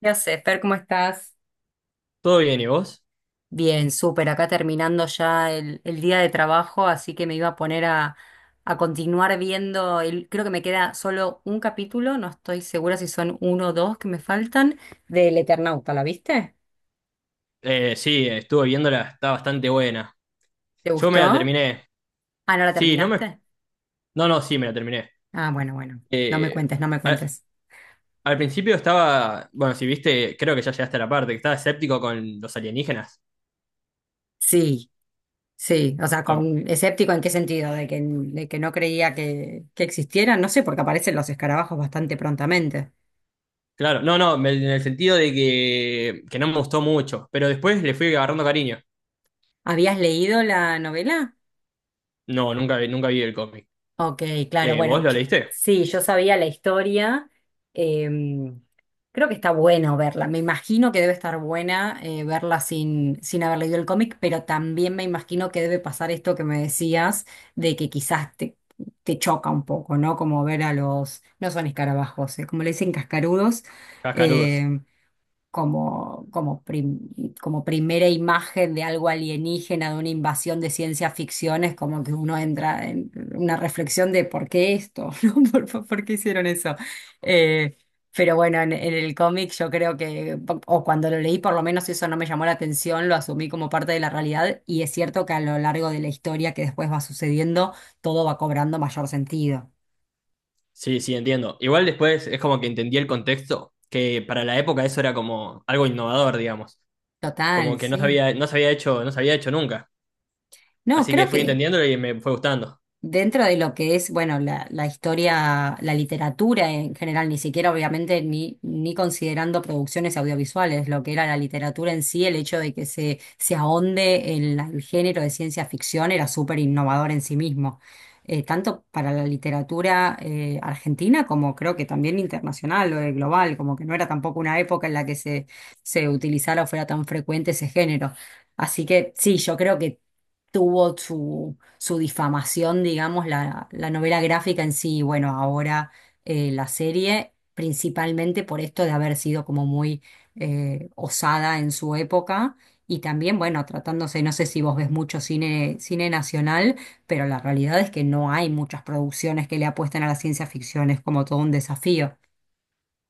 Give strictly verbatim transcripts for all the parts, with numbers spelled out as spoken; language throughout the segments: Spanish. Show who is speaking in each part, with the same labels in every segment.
Speaker 1: Ya sé, Fer, ¿cómo estás?
Speaker 2: ¿Todo bien y vos?
Speaker 1: Bien, súper, acá terminando ya el, el día de trabajo, así que me iba a poner a, a continuar viendo, el, creo que me queda solo un capítulo, no estoy segura si son uno o dos que me faltan, del Eternauta, ¿la viste?
Speaker 2: Eh, sí, estuve viéndola, está bastante buena.
Speaker 1: ¿Te
Speaker 2: Yo me la
Speaker 1: gustó?
Speaker 2: terminé.
Speaker 1: Ah, ¿no la
Speaker 2: Sí, no me...
Speaker 1: terminaste?
Speaker 2: No, no, sí, me la terminé.
Speaker 1: Ah, bueno, bueno, no me
Speaker 2: Eh,
Speaker 1: cuentes, no me
Speaker 2: al,
Speaker 1: cuentes.
Speaker 2: al principio estaba... Bueno, si viste, creo que ya llegaste a la parte, que estaba escéptico con los alienígenas.
Speaker 1: Sí, sí, o sea,
Speaker 2: O-
Speaker 1: con, escéptico en qué sentido, de que, de que no creía que, que existieran, no sé, porque aparecen los escarabajos bastante prontamente.
Speaker 2: claro, no, no, me- en el sentido de que, que no me gustó mucho, pero después le fui agarrando cariño.
Speaker 1: ¿Habías leído la novela?
Speaker 2: No, nunca, vi- nunca vi el cómic.
Speaker 1: Ok, claro,
Speaker 2: Eh, ¿vos
Speaker 1: bueno,
Speaker 2: lo
Speaker 1: yo-
Speaker 2: leíste?
Speaker 1: sí, yo sabía la historia. em, Creo que está bueno verla. Me imagino que debe estar buena eh, verla sin, sin haber leído el cómic, pero también me imagino que debe pasar esto que me decías, de que quizás te, te choca un poco, ¿no? Como ver a los, no son escarabajos, eh, como le dicen cascarudos,
Speaker 2: Cascarudos.
Speaker 1: em, como, como, prim- como primera imagen de algo alienígena, de una invasión de ciencia ficción, es como que uno entra en una reflexión de por qué esto, ¿no? ¿Por, por- por qué hicieron eso? Eh, pero bueno, en, en el cómic yo creo que, o cuando lo leí por lo menos eso no me llamó la atención, lo asumí como parte de la realidad y es cierto que a lo largo de la historia que después va sucediendo, todo va cobrando mayor sentido.
Speaker 2: Sí, sí, entiendo. Igual después es como que entendí el contexto, que para la época eso era como algo innovador, digamos. Como
Speaker 1: Total,
Speaker 2: que no se
Speaker 1: sí.
Speaker 2: había, no se había hecho, no se había hecho nunca.
Speaker 1: No,
Speaker 2: Así que
Speaker 1: creo
Speaker 2: fui
Speaker 1: que,
Speaker 2: entendiéndolo y me fue gustando.
Speaker 1: dentro de lo que es, bueno, la, la historia, la literatura en general, ni siquiera obviamente ni, ni considerando producciones audiovisuales, lo que era la literatura en sí, el hecho de que se, se ahonde en la- el género de ciencia ficción era súper innovador en sí mismo, Eh, tanto para la literatura eh, argentina como creo que también internacional o eh, global, como que no era tampoco una época en la que se, se utilizara o fuera tan frecuente ese género. Así que sí, yo creo que tuvo su, su difamación, digamos, la, la novela gráfica en sí, y bueno, ahora eh, la serie, principalmente por esto de haber sido como muy eh, osada en su época. Y también, bueno, tratándose, no sé si vos ves mucho cine, cine nacional, pero la realidad es que no hay muchas producciones que le apuesten a la ciencia ficción, es como todo un desafío.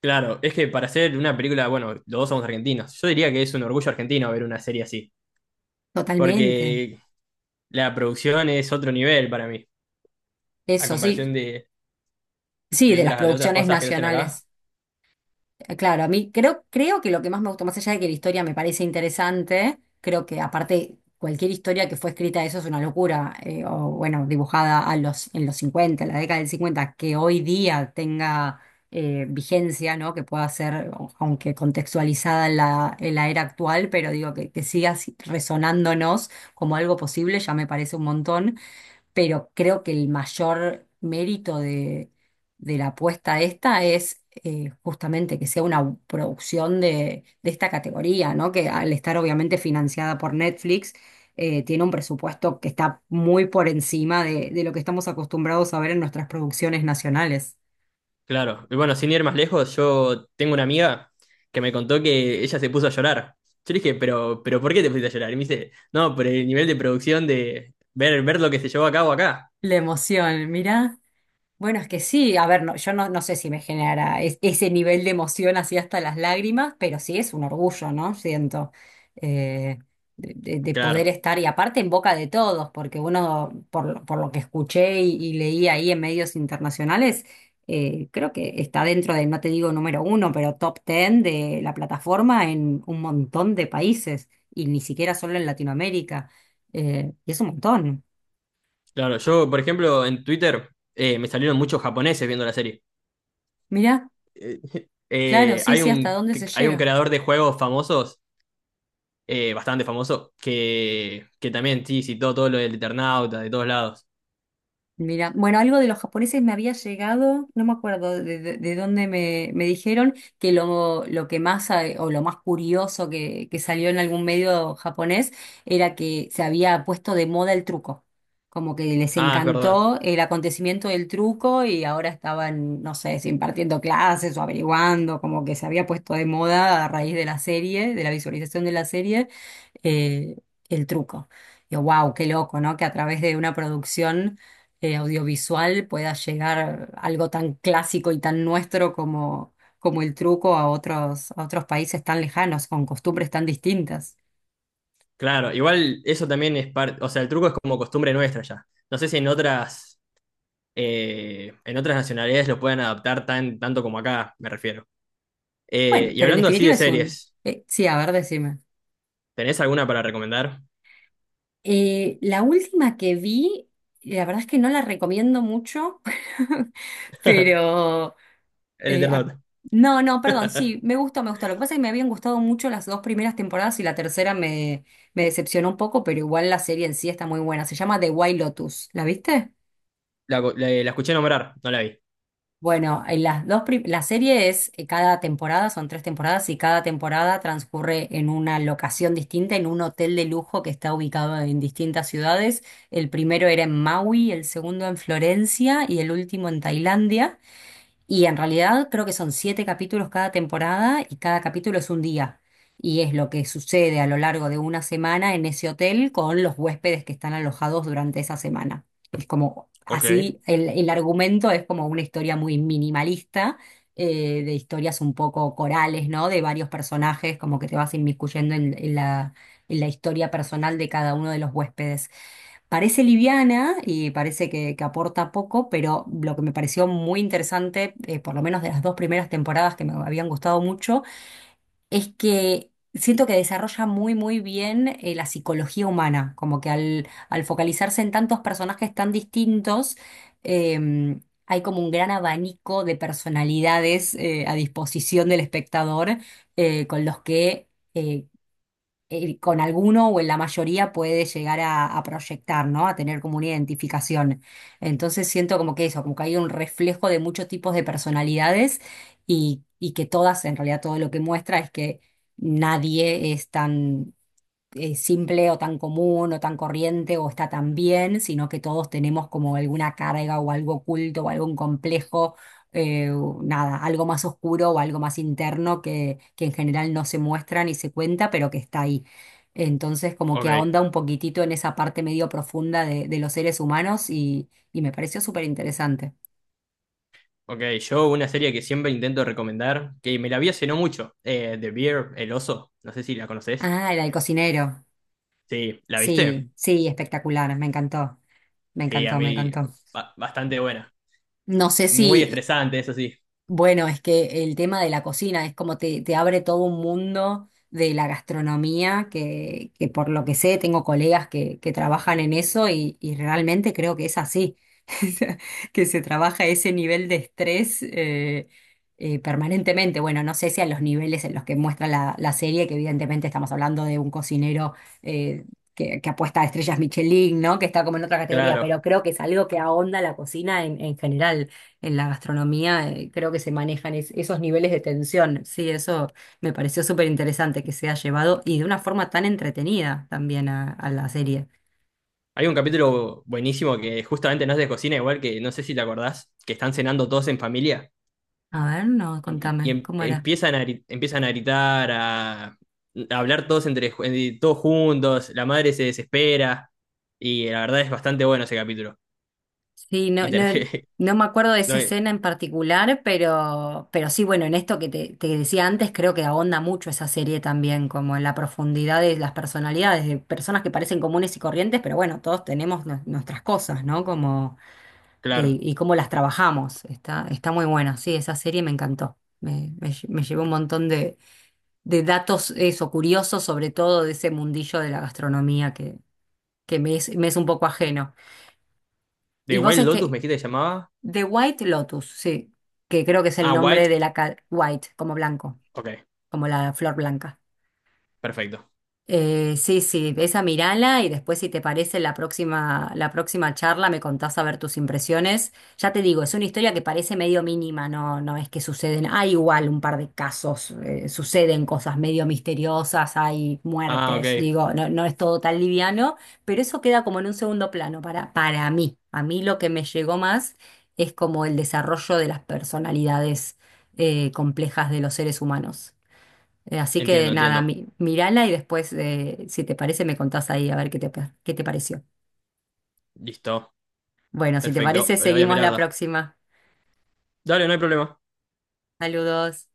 Speaker 2: Claro, es que para hacer una película, bueno, los dos somos argentinos. Yo diría que es un orgullo argentino ver una serie así,
Speaker 1: Totalmente.
Speaker 2: porque la producción es otro nivel para mí, a
Speaker 1: Eso sí,
Speaker 2: comparación de,
Speaker 1: sí,
Speaker 2: de
Speaker 1: de las
Speaker 2: otras, de otras
Speaker 1: producciones
Speaker 2: cosas que hacen acá.
Speaker 1: nacionales. Eh, Claro, a mí creo, creo que lo que más me gustó, más allá de que la historia me parece interesante, creo que aparte cualquier historia que fue escrita eso es una locura, eh, o bueno, dibujada a los, en los cincuenta, en la década del cincuenta que hoy día tenga eh, vigencia, ¿no? Que pueda ser, o- aunque contextualizada en la, en la era actual, pero digo que, que siga si- resonándonos como algo posible, ya me parece un montón, pero creo que el mayor mérito de, de la apuesta esta es eh, justamente que sea una producción de, de esta categoría, ¿no? Que al estar obviamente financiada por Netflix, eh, tiene un presupuesto que está muy por encima de, de lo que estamos acostumbrados a ver en nuestras producciones nacionales.
Speaker 2: Claro, y bueno, sin ir más lejos, yo tengo una amiga que me contó que ella se puso a llorar. Yo le dije, pero, pero ¿por qué te pusiste a llorar? Y me dice, no, por el nivel de producción de ver, ver lo que se llevó a cabo acá.
Speaker 1: La emoción, mirá. Bueno, es que sí, a ver, no, yo no, no sé si me generará es- ese nivel de emoción así hasta las lágrimas, pero sí es un orgullo, ¿no? Siento, eh, de, de- de poder
Speaker 2: Claro.
Speaker 1: estar y aparte en boca de todos, porque uno, por, lo- por lo que escuché y, y leí ahí en medios internacionales, eh, creo que está dentro de, no te digo número uno, pero top ten de la plataforma en un montón de países y ni siquiera solo en Latinoamérica. Eh, y es un montón.
Speaker 2: Claro, yo, por ejemplo, en Twitter eh, me salieron muchos japoneses viendo la serie.
Speaker 1: Mirá,
Speaker 2: Eh,
Speaker 1: claro,
Speaker 2: eh,
Speaker 1: sí,
Speaker 2: hay
Speaker 1: sí, hasta
Speaker 2: un,
Speaker 1: dónde se
Speaker 2: hay un
Speaker 1: llega.
Speaker 2: creador de juegos famosos, eh, bastante famoso, que, que también sí citó todo lo del Eternauta de todos lados.
Speaker 1: Mira, bueno, algo de los japoneses me había llegado, no me acuerdo de, de- de dónde me, me dijeron que lo, lo que más eh, o lo más curioso que, que salió en algún medio japonés era que se había puesto de moda el truco, como que les
Speaker 2: Ah, es verdad.
Speaker 1: encantó el acontecimiento del truco y ahora estaban, no sé, si impartiendo clases o averiguando, como que se había puesto de moda a raíz de la serie, de la visualización de la serie, eh, el truco. Yo, wow, qué loco, ¿no? Que a través de una producción eh, audiovisual pueda llegar algo tan clásico y tan nuestro como, como el truco a otros, a otros países tan lejanos, con costumbres tan distintas.
Speaker 2: Claro, igual eso también es parte, o sea, el truco es como costumbre nuestra ya. No sé si en otras, eh, en otras nacionalidades lo pueden adaptar tan, tanto como acá, me refiero. Eh,
Speaker 1: Bueno,
Speaker 2: y
Speaker 1: pero en
Speaker 2: hablando así de
Speaker 1: definitiva es un...
Speaker 2: series,
Speaker 1: eh, sí, a ver, decime.
Speaker 2: ¿tenés alguna para recomendar?
Speaker 1: Eh, la última que vi, la verdad es que no la recomiendo mucho, pero...
Speaker 2: El
Speaker 1: Eh, a-
Speaker 2: Eternauta.
Speaker 1: no, no, perdón, sí, me gustó, me gustó. Lo que pasa es que me habían gustado mucho las dos primeras temporadas y la tercera me, me decepcionó un poco, pero igual la serie en sí está muy buena. Se llama The White Lotus, ¿la viste?
Speaker 2: La, la la escuché nombrar, no la vi.
Speaker 1: Bueno, en las dos prim- la serie es eh, cada temporada, son tres temporadas y cada temporada transcurre en una locación distinta, en un hotel de lujo que está ubicado en distintas ciudades. El primero era en Maui, el segundo en Florencia y el último en Tailandia. Y en realidad creo que son siete capítulos cada temporada y cada capítulo es un día. Y es lo que sucede a lo largo de una semana en ese hotel con los huéspedes que están alojados durante esa semana. Es como,
Speaker 2: Ok,
Speaker 1: así, el, el argumento es como una historia muy minimalista, eh, de historias un poco corales, ¿no? De varios personajes, como que te vas inmiscuyendo en en la, en la historia personal de cada uno de los huéspedes. Parece liviana y parece que, que aporta poco, pero lo que me pareció muy interesante, eh, por lo menos de las dos primeras temporadas que me habían gustado mucho, es que siento que desarrolla muy, muy bien eh, la psicología humana, como que al, al focalizarse en tantos personajes tan distintos, eh, hay como un gran abanico de personalidades eh, a disposición del espectador eh, con los que... eh, eh, con alguno o en la mayoría puede llegar a, a proyectar, ¿no? A tener como una identificación. Entonces siento como que eso, como que hay un reflejo de muchos tipos de personalidades y, y que todas, en realidad todo lo que muestra es que nadie es tan eh, simple o tan común o tan corriente o está tan bien, sino que todos tenemos como alguna carga o algo oculto o algún complejo, eh, o nada, algo más oscuro o algo más interno que, que en general no se muestra ni se cuenta, pero que está ahí. Entonces, como
Speaker 2: ok,
Speaker 1: que ahonda un poquitito en esa parte medio profunda de, de los seres humanos y, y me pareció súper interesante.
Speaker 2: ok. Yo una serie que siempre intento recomendar, que me la vi hace no mucho, eh, The Bear, El Oso, no sé si la conoces.
Speaker 1: Ah, el del cocinero.
Speaker 2: Sí, ¿la viste?
Speaker 1: Sí, sí, espectacular, me encantó, me
Speaker 2: Sí, a
Speaker 1: encantó, me
Speaker 2: mí
Speaker 1: encantó.
Speaker 2: ba- bastante buena.
Speaker 1: No sé si
Speaker 2: Muy estresante, eso sí,
Speaker 1: bueno, es que el tema de la cocina es como te, te abre todo un mundo de la gastronomía, que, que por lo que sé tengo colegas que, que trabajan en eso y, y realmente creo que es así. sea, que se trabaja ese nivel de estrés eh, eh, permanentemente. Bueno, no sé si a los niveles en los que muestra la, la serie, que evidentemente estamos hablando de un cocinero eh, que, que apuesta a estrellas Michelin, ¿no? Que está como en otra categoría,
Speaker 2: claro.
Speaker 1: pero creo que es algo que ahonda la cocina en, en general, en la gastronomía, eh, creo que se manejan es- esos niveles de tensión. Sí, eso me pareció súper interesante que se ha llevado y de una forma tan entretenida también a, a la serie.
Speaker 2: Hay un capítulo buenísimo que justamente no es de cocina, igual que no sé si te acordás, que están cenando todos en familia
Speaker 1: A ver, no,
Speaker 2: y, y
Speaker 1: contame,
Speaker 2: em-
Speaker 1: ¿cómo era?
Speaker 2: empiezan a, gri- empiezan a gritar, a, a hablar todos, entre, ju- eh, todos juntos, la madre se desespera y la verdad es bastante bueno ese capítulo.
Speaker 1: Sí, no,
Speaker 2: Y
Speaker 1: no,
Speaker 2: terminé.
Speaker 1: no me acuerdo de
Speaker 2: no,
Speaker 1: esa
Speaker 2: eh,
Speaker 1: escena en particular, pero, pero sí, bueno, en esto que te, te decía antes, creo que ahonda mucho esa serie también, como en la profundidad de las personalidades, de personas que parecen comunes y corrientes, pero bueno, todos tenemos nu- nuestras cosas, ¿no? Como,
Speaker 2: claro.
Speaker 1: y, y cómo las trabajamos. Está, está muy buena, sí, esa serie me encantó. Me, me, lle- me llevó un montón de, de datos, eso, curiosos, sobre todo de ese mundillo de la gastronomía que, que me es, me es un poco ajeno.
Speaker 2: ¿De
Speaker 1: ¿Y vos
Speaker 2: White
Speaker 1: en
Speaker 2: Lotus
Speaker 1: qué,
Speaker 2: me dijiste que se llamaba?
Speaker 1: The White Lotus, sí, que creo que es el
Speaker 2: Ah,
Speaker 1: nombre
Speaker 2: White.
Speaker 1: de la ca- White, como blanco,
Speaker 2: Ok,
Speaker 1: como la flor blanca.
Speaker 2: perfecto.
Speaker 1: Eh, sí, sí, esa mirala y después si te parece la próxima, la próxima charla me contás a ver tus impresiones. Ya te digo, es una historia que parece medio mínima, no, no es que suceden, hay igual un par de casos, eh, suceden cosas medio misteriosas, hay
Speaker 2: Ah,
Speaker 1: muertes,
Speaker 2: ok.
Speaker 1: digo, no, no es todo tan liviano, pero eso queda como en un segundo plano para, para mí. A mí lo que me llegó más es como el desarrollo de las personalidades, eh, complejas de los seres humanos. Eh, así que
Speaker 2: Entiendo,
Speaker 1: nada,
Speaker 2: entiendo.
Speaker 1: mi- mírala y después, eh, si te parece, me contás ahí a ver qué te, qué te pareció.
Speaker 2: Listo.
Speaker 1: Bueno, si te
Speaker 2: Perfecto.
Speaker 1: parece,
Speaker 2: Lo voy a
Speaker 1: seguimos
Speaker 2: mirar.
Speaker 1: la
Speaker 2: Da.
Speaker 1: próxima.
Speaker 2: Dale, no hay problema.
Speaker 1: Saludos.